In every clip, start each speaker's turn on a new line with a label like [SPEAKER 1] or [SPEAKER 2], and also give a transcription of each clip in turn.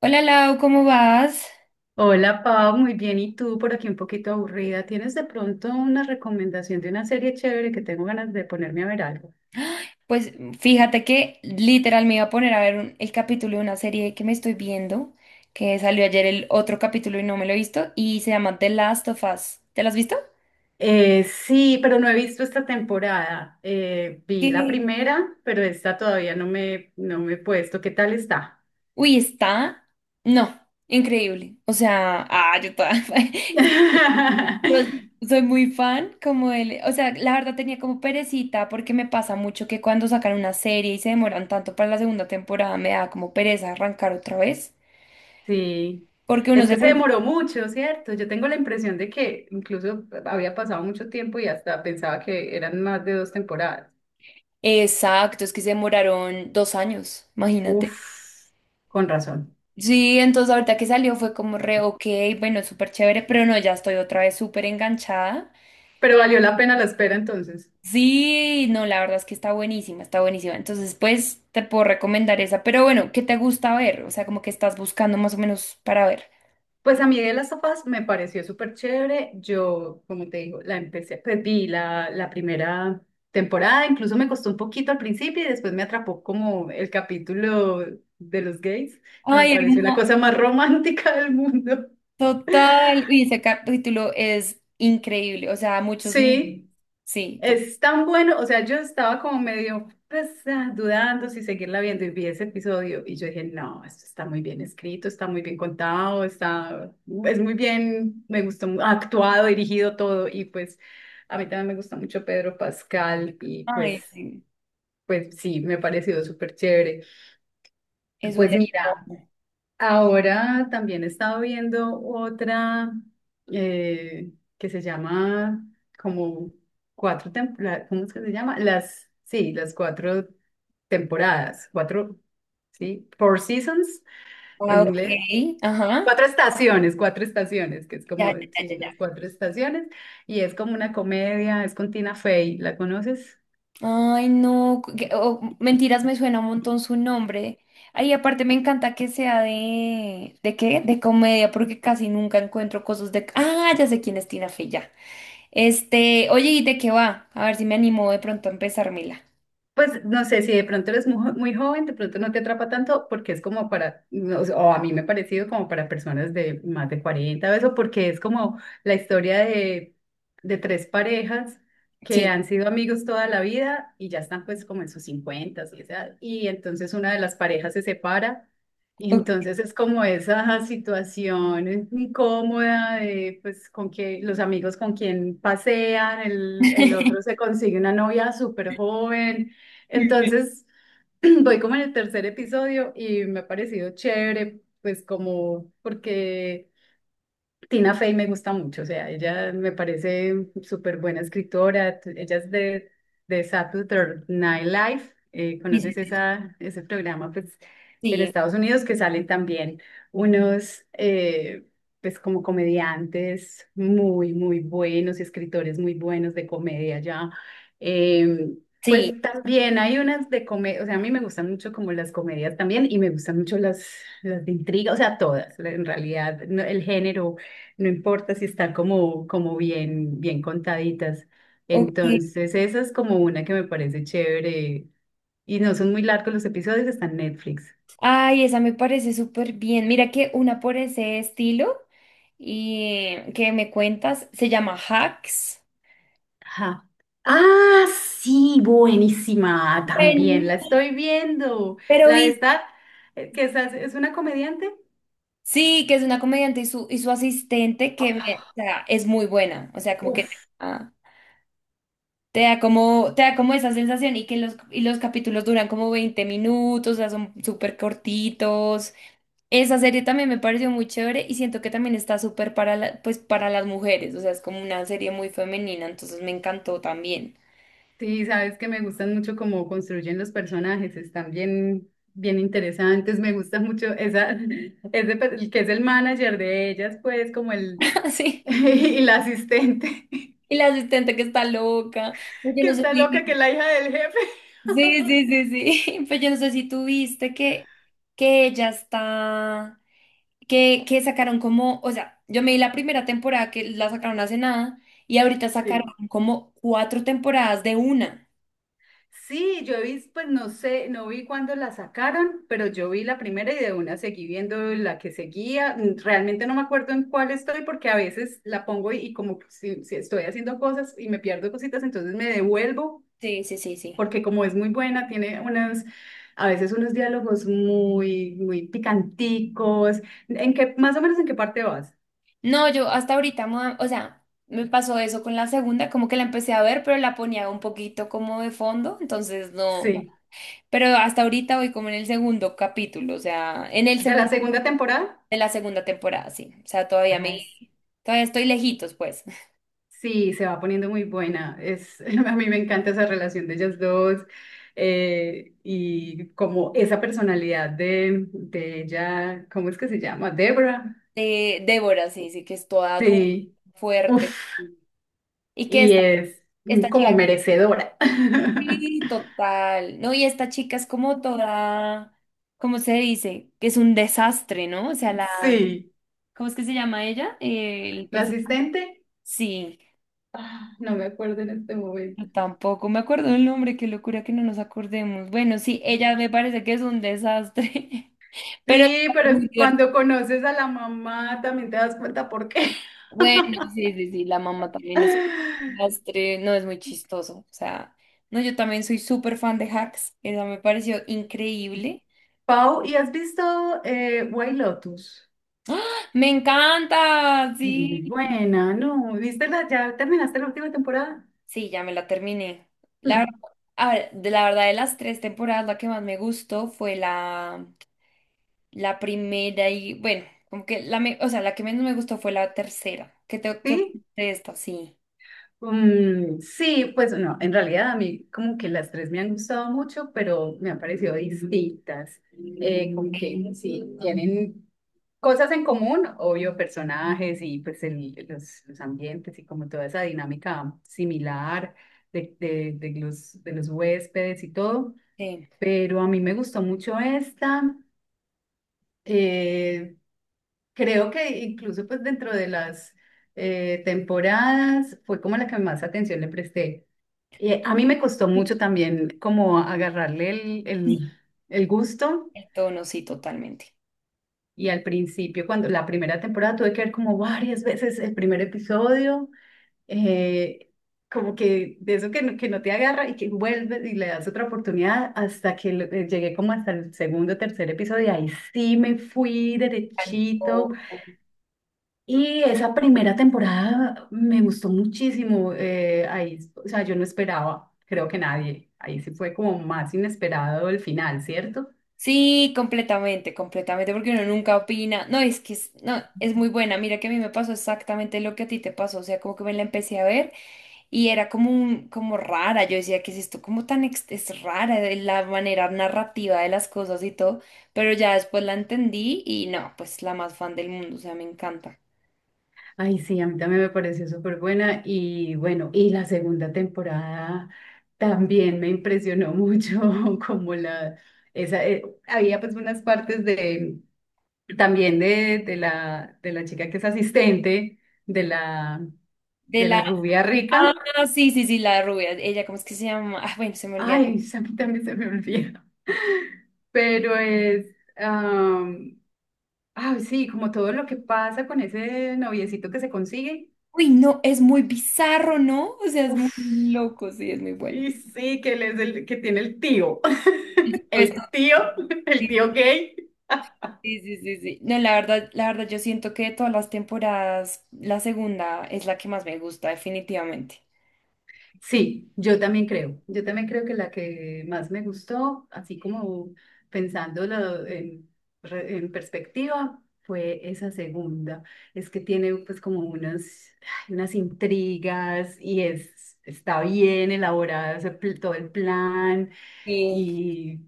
[SPEAKER 1] Hola Lau, ¿cómo vas?
[SPEAKER 2] Hola Pau, muy bien. ¿Y tú por aquí un poquito aburrida? ¿Tienes de pronto una recomendación de una serie chévere que tengo ganas de ponerme a ver algo?
[SPEAKER 1] Pues fíjate que literal me iba a poner a ver el capítulo de una serie que me estoy viendo, que salió ayer el otro capítulo y no me lo he visto, y se llama The Last of Us. ¿Te lo has visto?
[SPEAKER 2] Sí, pero no he visto esta temporada. Vi la
[SPEAKER 1] ¿Qué?
[SPEAKER 2] primera, pero esta todavía no me he puesto. ¿Qué tal está?
[SPEAKER 1] Uy, está. No, increíble. O sea, yo toda. Es que yo soy muy fan, como él. O sea, la verdad tenía como perecita, porque me pasa mucho que cuando sacan una serie y se demoran tanto para la segunda temporada, me da como pereza arrancar otra vez.
[SPEAKER 2] Sí,
[SPEAKER 1] Porque uno
[SPEAKER 2] es
[SPEAKER 1] se.
[SPEAKER 2] que se demoró mucho, ¿cierto? Yo tengo la impresión de que incluso había pasado mucho tiempo y hasta pensaba que eran más de dos temporadas.
[SPEAKER 1] Exacto, es que se demoraron 2 años, imagínate.
[SPEAKER 2] Uf, con razón.
[SPEAKER 1] Sí, entonces ahorita que salió fue como re ok, bueno, súper chévere, pero no, ya estoy otra vez súper enganchada.
[SPEAKER 2] Pero valió la pena la espera entonces.
[SPEAKER 1] Sí, no, la verdad es que está buenísima, está buenísima. Entonces, pues te puedo recomendar esa, pero bueno, ¿qué te gusta ver? O sea, como que estás buscando más o menos para ver.
[SPEAKER 2] Pues a mí de las sofás me pareció súper chévere. Yo, como te digo, la empecé, pues vi la primera temporada, incluso me costó un poquito al principio y después me atrapó como el capítulo de los gays, que me
[SPEAKER 1] Ay,
[SPEAKER 2] pareció la
[SPEAKER 1] hermano,
[SPEAKER 2] cosa más romántica del mundo.
[SPEAKER 1] total. Y ese capítulo es increíble, o sea, muchos mil.
[SPEAKER 2] Sí,
[SPEAKER 1] Sí, total.
[SPEAKER 2] es tan bueno. O sea, yo estaba como medio pues, dudando si seguirla viendo, y vi ese episodio y yo dije: no, esto está muy bien escrito, está muy bien contado, está, es muy bien, me gustó, actuado, dirigido todo. Y pues a mí también me gusta mucho Pedro Pascal y
[SPEAKER 1] Ay,
[SPEAKER 2] pues,
[SPEAKER 1] sí,
[SPEAKER 2] pues sí, me ha parecido súper chévere.
[SPEAKER 1] es un.
[SPEAKER 2] Pues mira. Ahora también he estado viendo otra eh, que se llama como cuatro temporadas. ¿Cómo es que se llama? Las, sí, las cuatro temporadas, cuatro, sí, Four Seasons
[SPEAKER 1] Ah,
[SPEAKER 2] en
[SPEAKER 1] ok,
[SPEAKER 2] inglés.
[SPEAKER 1] ajá.
[SPEAKER 2] Cuatro estaciones, que es
[SPEAKER 1] Ya,
[SPEAKER 2] como,
[SPEAKER 1] ya,
[SPEAKER 2] sí, las
[SPEAKER 1] ya.
[SPEAKER 2] cuatro estaciones, y es como una comedia, es con Tina Fey, ¿la conoces?
[SPEAKER 1] Ay, no, oh, mentiras, me suena un montón su nombre. Ay, aparte me encanta que sea ¿de qué? De comedia, porque casi nunca encuentro cosas de... Ah, ya sé quién es Tina Fey, ya. Este, oye, ¿y de qué va? A ver si me animo de pronto a empezármela.
[SPEAKER 2] Pues no sé, si de pronto eres muy joven, de pronto no te atrapa tanto porque es como para, no sé, o a mí me ha parecido como para personas de más de 40, o eso, porque es como la historia de tres parejas que
[SPEAKER 1] Sí.
[SPEAKER 2] han sido amigos toda la vida y ya están pues como en sus 50, y, edad, y entonces una de las parejas se separa y
[SPEAKER 1] Ok.
[SPEAKER 2] entonces es como esa situación incómoda de pues con que los amigos con quien pasean, el otro se consigue una novia súper joven.
[SPEAKER 1] Mm.
[SPEAKER 2] Entonces, voy como en el tercer episodio y me ha parecido chévere, pues como porque Tina Fey me gusta mucho. O sea, ella me parece súper buena escritora. Ella es de Saturday Night Live.
[SPEAKER 1] Sí, sí,
[SPEAKER 2] ¿Conoces
[SPEAKER 1] sí.
[SPEAKER 2] esa, ese programa? Pues en
[SPEAKER 1] Sí,
[SPEAKER 2] Estados Unidos que salen también unos, pues como comediantes muy, muy buenos y escritores muy buenos de comedia ya. Eh,
[SPEAKER 1] sí,
[SPEAKER 2] pues también hay unas de comedia. O sea, a mí me gustan mucho como las comedias también y me gustan mucho las de intriga. O sea, todas, en realidad, el género no importa si están como, como bien, bien contaditas.
[SPEAKER 1] ok.
[SPEAKER 2] Entonces, esa es como una que me parece chévere. Y no son muy largos los episodios, están en Netflix.
[SPEAKER 1] Ay, esa me parece súper bien. Mira que una por ese estilo y que me cuentas se llama Hacks.
[SPEAKER 2] Ajá. Ah, sí, buenísima. También
[SPEAKER 1] Bueno,
[SPEAKER 2] la estoy viendo.
[SPEAKER 1] pero
[SPEAKER 2] La de esta, que esa es una comediante.
[SPEAKER 1] sí, que es una comediante y su asistente
[SPEAKER 2] Ah,
[SPEAKER 1] o sea, es muy buena. O sea, como que
[SPEAKER 2] uf,
[SPEAKER 1] ah, te da como esa sensación y que los capítulos duran como 20 minutos, o sea, son súper cortitos. Esa serie también me pareció muy chévere y siento que también está súper para pues para las mujeres. O sea, es como una serie muy femenina, entonces me encantó también.
[SPEAKER 2] sí, sabes que me gustan mucho cómo construyen los personajes, están bien, bien interesantes. Me gusta mucho esa, ese, el que es el manager de ellas, pues como el,
[SPEAKER 1] Sí.
[SPEAKER 2] y la asistente,
[SPEAKER 1] Y la asistente que está loca. Pues yo
[SPEAKER 2] que
[SPEAKER 1] no sé
[SPEAKER 2] está loca, que
[SPEAKER 1] si.
[SPEAKER 2] es la hija del jefe.
[SPEAKER 1] Sí, sí, sí, sí. Pues yo no sé si tú viste que ella está. Que sacaron como, o sea, yo me vi la primera temporada que la sacaron hace nada y ahorita sacaron
[SPEAKER 2] Sí.
[SPEAKER 1] como cuatro temporadas de una.
[SPEAKER 2] Sí, yo vi, pues no sé, no vi cuándo la sacaron, pero yo vi la primera y de una seguí viendo la que seguía. Mm, realmente no me acuerdo en cuál estoy porque a veces la pongo y como si, si estoy haciendo cosas y me pierdo cositas, entonces me devuelvo
[SPEAKER 1] Sí, sí, sí, sí.
[SPEAKER 2] porque como es muy buena, tiene unas, a veces unos diálogos muy, muy picanticos. ¿En qué, más o menos en qué parte vas?
[SPEAKER 1] No, yo hasta ahorita, o sea, me pasó eso con la segunda, como que la empecé a ver, pero la ponía un poquito como de fondo, entonces no.
[SPEAKER 2] Sí.
[SPEAKER 1] Pero hasta ahorita voy como en el segundo capítulo, o sea, en el
[SPEAKER 2] ¿De la
[SPEAKER 1] segundo
[SPEAKER 2] segunda temporada?
[SPEAKER 1] de la segunda temporada, sí. O sea, todavía me,
[SPEAKER 2] Ajá, es-
[SPEAKER 1] todavía estoy lejitos, pues.
[SPEAKER 2] sí, se va poniendo muy buena. Es, a mí me encanta esa relación de ellas dos y como esa personalidad de ella. ¿Cómo es que se llama? Debra.
[SPEAKER 1] De Débora, sí, sí, que es toda dura,
[SPEAKER 2] Sí,
[SPEAKER 1] fuerte.
[SPEAKER 2] uff,
[SPEAKER 1] Sí. Y que
[SPEAKER 2] y
[SPEAKER 1] esta,
[SPEAKER 2] es
[SPEAKER 1] esta chica.
[SPEAKER 2] como merecedora.
[SPEAKER 1] Sí, total. No, y esta chica es como toda, ¿cómo se dice? Que es un desastre, ¿no? O sea, la,
[SPEAKER 2] Sí,
[SPEAKER 1] ¿cómo es que se llama ella? El
[SPEAKER 2] la
[SPEAKER 1] personaje.
[SPEAKER 2] asistente,
[SPEAKER 1] Sí,
[SPEAKER 2] ah, no me acuerdo en este momento.
[SPEAKER 1] yo tampoco me acuerdo el nombre, qué locura que no nos acordemos. Bueno, sí, ella me parece que es un desastre, pero
[SPEAKER 2] Sí,
[SPEAKER 1] es
[SPEAKER 2] pero
[SPEAKER 1] muy divertido.
[SPEAKER 2] cuando conoces a la mamá también te das cuenta por qué.
[SPEAKER 1] Bueno, sí, sí, sí, la mamá también es un desastre, no es muy chistoso. O sea, no, yo también soy súper fan de Hacks, esa me pareció increíble.
[SPEAKER 2] Pau, ¿y has visto White Lotus?
[SPEAKER 1] Me encanta,
[SPEAKER 2] Es muy
[SPEAKER 1] sí.
[SPEAKER 2] buena, ¿no? ¿Viste la, ya terminaste la última temporada?
[SPEAKER 1] Sí, ya me la terminé. La, ver-
[SPEAKER 2] Mm.
[SPEAKER 1] a ver, de la verdad, de las tres temporadas, la que más me gustó fue la, la primera y, bueno, como que la, o sea, la que menos me gustó fue la tercera. ¿Qué tengo que
[SPEAKER 2] ¿Sí?
[SPEAKER 1] opinar de esta? Sí,
[SPEAKER 2] Mm, sí, pues no, en realidad a mí como que las tres me han gustado mucho, pero me han parecido distintas. Como que sí, tienen cosas en común, obvio, personajes y pues los ambientes y como toda esa dinámica similar de los huéspedes y todo,
[SPEAKER 1] sí.
[SPEAKER 2] pero a mí me gustó mucho esta. Eh, creo que incluso pues dentro de las temporadas fue como la que más atención le presté. A mí me costó mucho también como agarrarle
[SPEAKER 1] Sí.
[SPEAKER 2] el gusto
[SPEAKER 1] El tono, sí, totalmente.
[SPEAKER 2] y al principio, cuando la primera temporada tuve que ver como varias veces el primer episodio, eh, como que de eso que no te agarra y que vuelves y le das otra oportunidad hasta que llegué como hasta el segundo, tercer episodio y ahí sí me fui derechito.
[SPEAKER 1] Tanto.
[SPEAKER 2] Y esa primera temporada me gustó muchísimo. Ahí, o sea, yo no esperaba, creo que nadie. Ahí sí fue como más inesperado el final, ¿cierto?
[SPEAKER 1] Sí, completamente, completamente, porque uno nunca opina. No, es que es, no, es muy buena. Mira que a mí me pasó exactamente lo que a ti te pasó. O sea, como que me la empecé a ver y era como un, como rara. Yo decía, ¿qué es esto? Como tan es rara de la manera narrativa de las cosas y todo. Pero ya después la entendí y no, pues la más fan del mundo. O sea, me encanta.
[SPEAKER 2] Ay, sí, a mí también me pareció súper buena. Y bueno, y la segunda temporada también me impresionó mucho, como la, esa, había pues unas partes de, también de la chica que es asistente, de la,
[SPEAKER 1] De
[SPEAKER 2] de la
[SPEAKER 1] la.
[SPEAKER 2] rubia
[SPEAKER 1] Ah,
[SPEAKER 2] rica.
[SPEAKER 1] sí, sí, sí, la rubia. Ella, ¿cómo es que se llama? Ah, bueno, se me olvidó.
[SPEAKER 2] Ay, a mí también se me olvida. Pero es, am, ay, sí, como todo lo que pasa con ese noviecito que se consigue.
[SPEAKER 1] Uy, no, es muy bizarro, ¿no? O sea, es muy
[SPEAKER 2] Uf,
[SPEAKER 1] loco, sí, es muy bueno.
[SPEAKER 2] y sí, que él es el que tiene el tío.
[SPEAKER 1] Por supuesto.
[SPEAKER 2] El tío, el tío gay.
[SPEAKER 1] Sí, sí, sí, sí. No, la verdad, yo siento que de todas las temporadas, la segunda es la que más me gusta, definitivamente.
[SPEAKER 2] Sí, yo también creo. Yo también creo que la que más me gustó, así como pensándolo en, en perspectiva, fue esa segunda. Es que tiene pues como unas, ay, unas intrigas y es, está bien elaborado ese todo el plan
[SPEAKER 1] Sí.
[SPEAKER 2] y,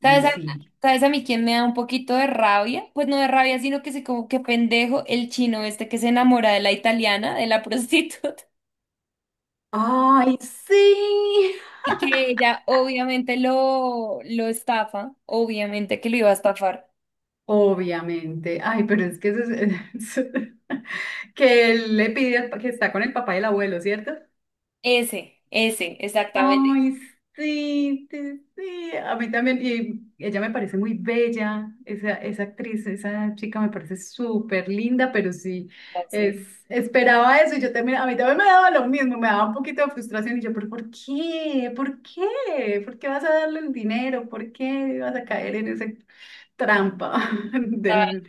[SPEAKER 2] y
[SPEAKER 1] ¿Sabes a,
[SPEAKER 2] sí.
[SPEAKER 1] sabes a mí quién me da un poquito de rabia? Pues no de rabia, sino que sé como que pendejo el chino este que se enamora de la italiana, de la prostituta,
[SPEAKER 2] ¡Ay, sí!
[SPEAKER 1] y que ella obviamente lo estafa, obviamente que lo iba a estafar.
[SPEAKER 2] Obviamente. Ay, pero es que eso es- que él le pide al que está con el papá y el abuelo, ¿cierto?
[SPEAKER 1] Ese, exactamente.
[SPEAKER 2] Ay, sí, sí, sí. A mí también. Y ella me parece muy bella, esa actriz, esa chica me parece súper linda, pero sí, es, esperaba eso y yo también, a mí también me daba lo mismo, me daba un poquito de frustración y yo, pero ¿por qué? ¿Por qué? ¿Por qué vas a darle el dinero? ¿Por qué vas a caer en esa trampa del,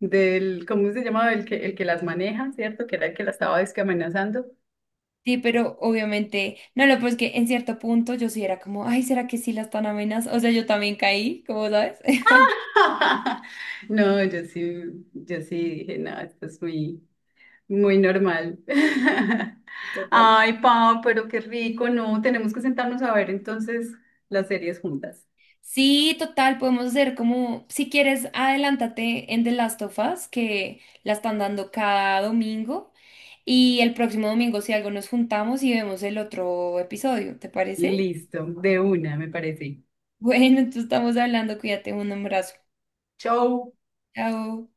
[SPEAKER 2] del, ¿cómo se llamaba? El que las maneja, ¿cierto? Que era el que la estaba es que amenazando.
[SPEAKER 1] Sí, pero obviamente, no, lo pues que en cierto punto yo sí era como, ay, ¿será que sí la están amenazando? O sea, yo también caí, como sabes?
[SPEAKER 2] No, yo sí, yo sí dije, no, esto es muy, muy normal.
[SPEAKER 1] Total.
[SPEAKER 2] Ay, Pau, pero qué rico, no, tenemos que sentarnos a ver entonces las series juntas.
[SPEAKER 1] Sí, total, podemos hacer como, si quieres, adelántate en The Last of Us, que la están dando cada domingo, y el próximo domingo, si algo, nos juntamos y vemos el otro episodio, ¿te parece?
[SPEAKER 2] Listo, de una, me parece.
[SPEAKER 1] Bueno, entonces estamos hablando, cuídate, un abrazo.
[SPEAKER 2] Chau.
[SPEAKER 1] Chao.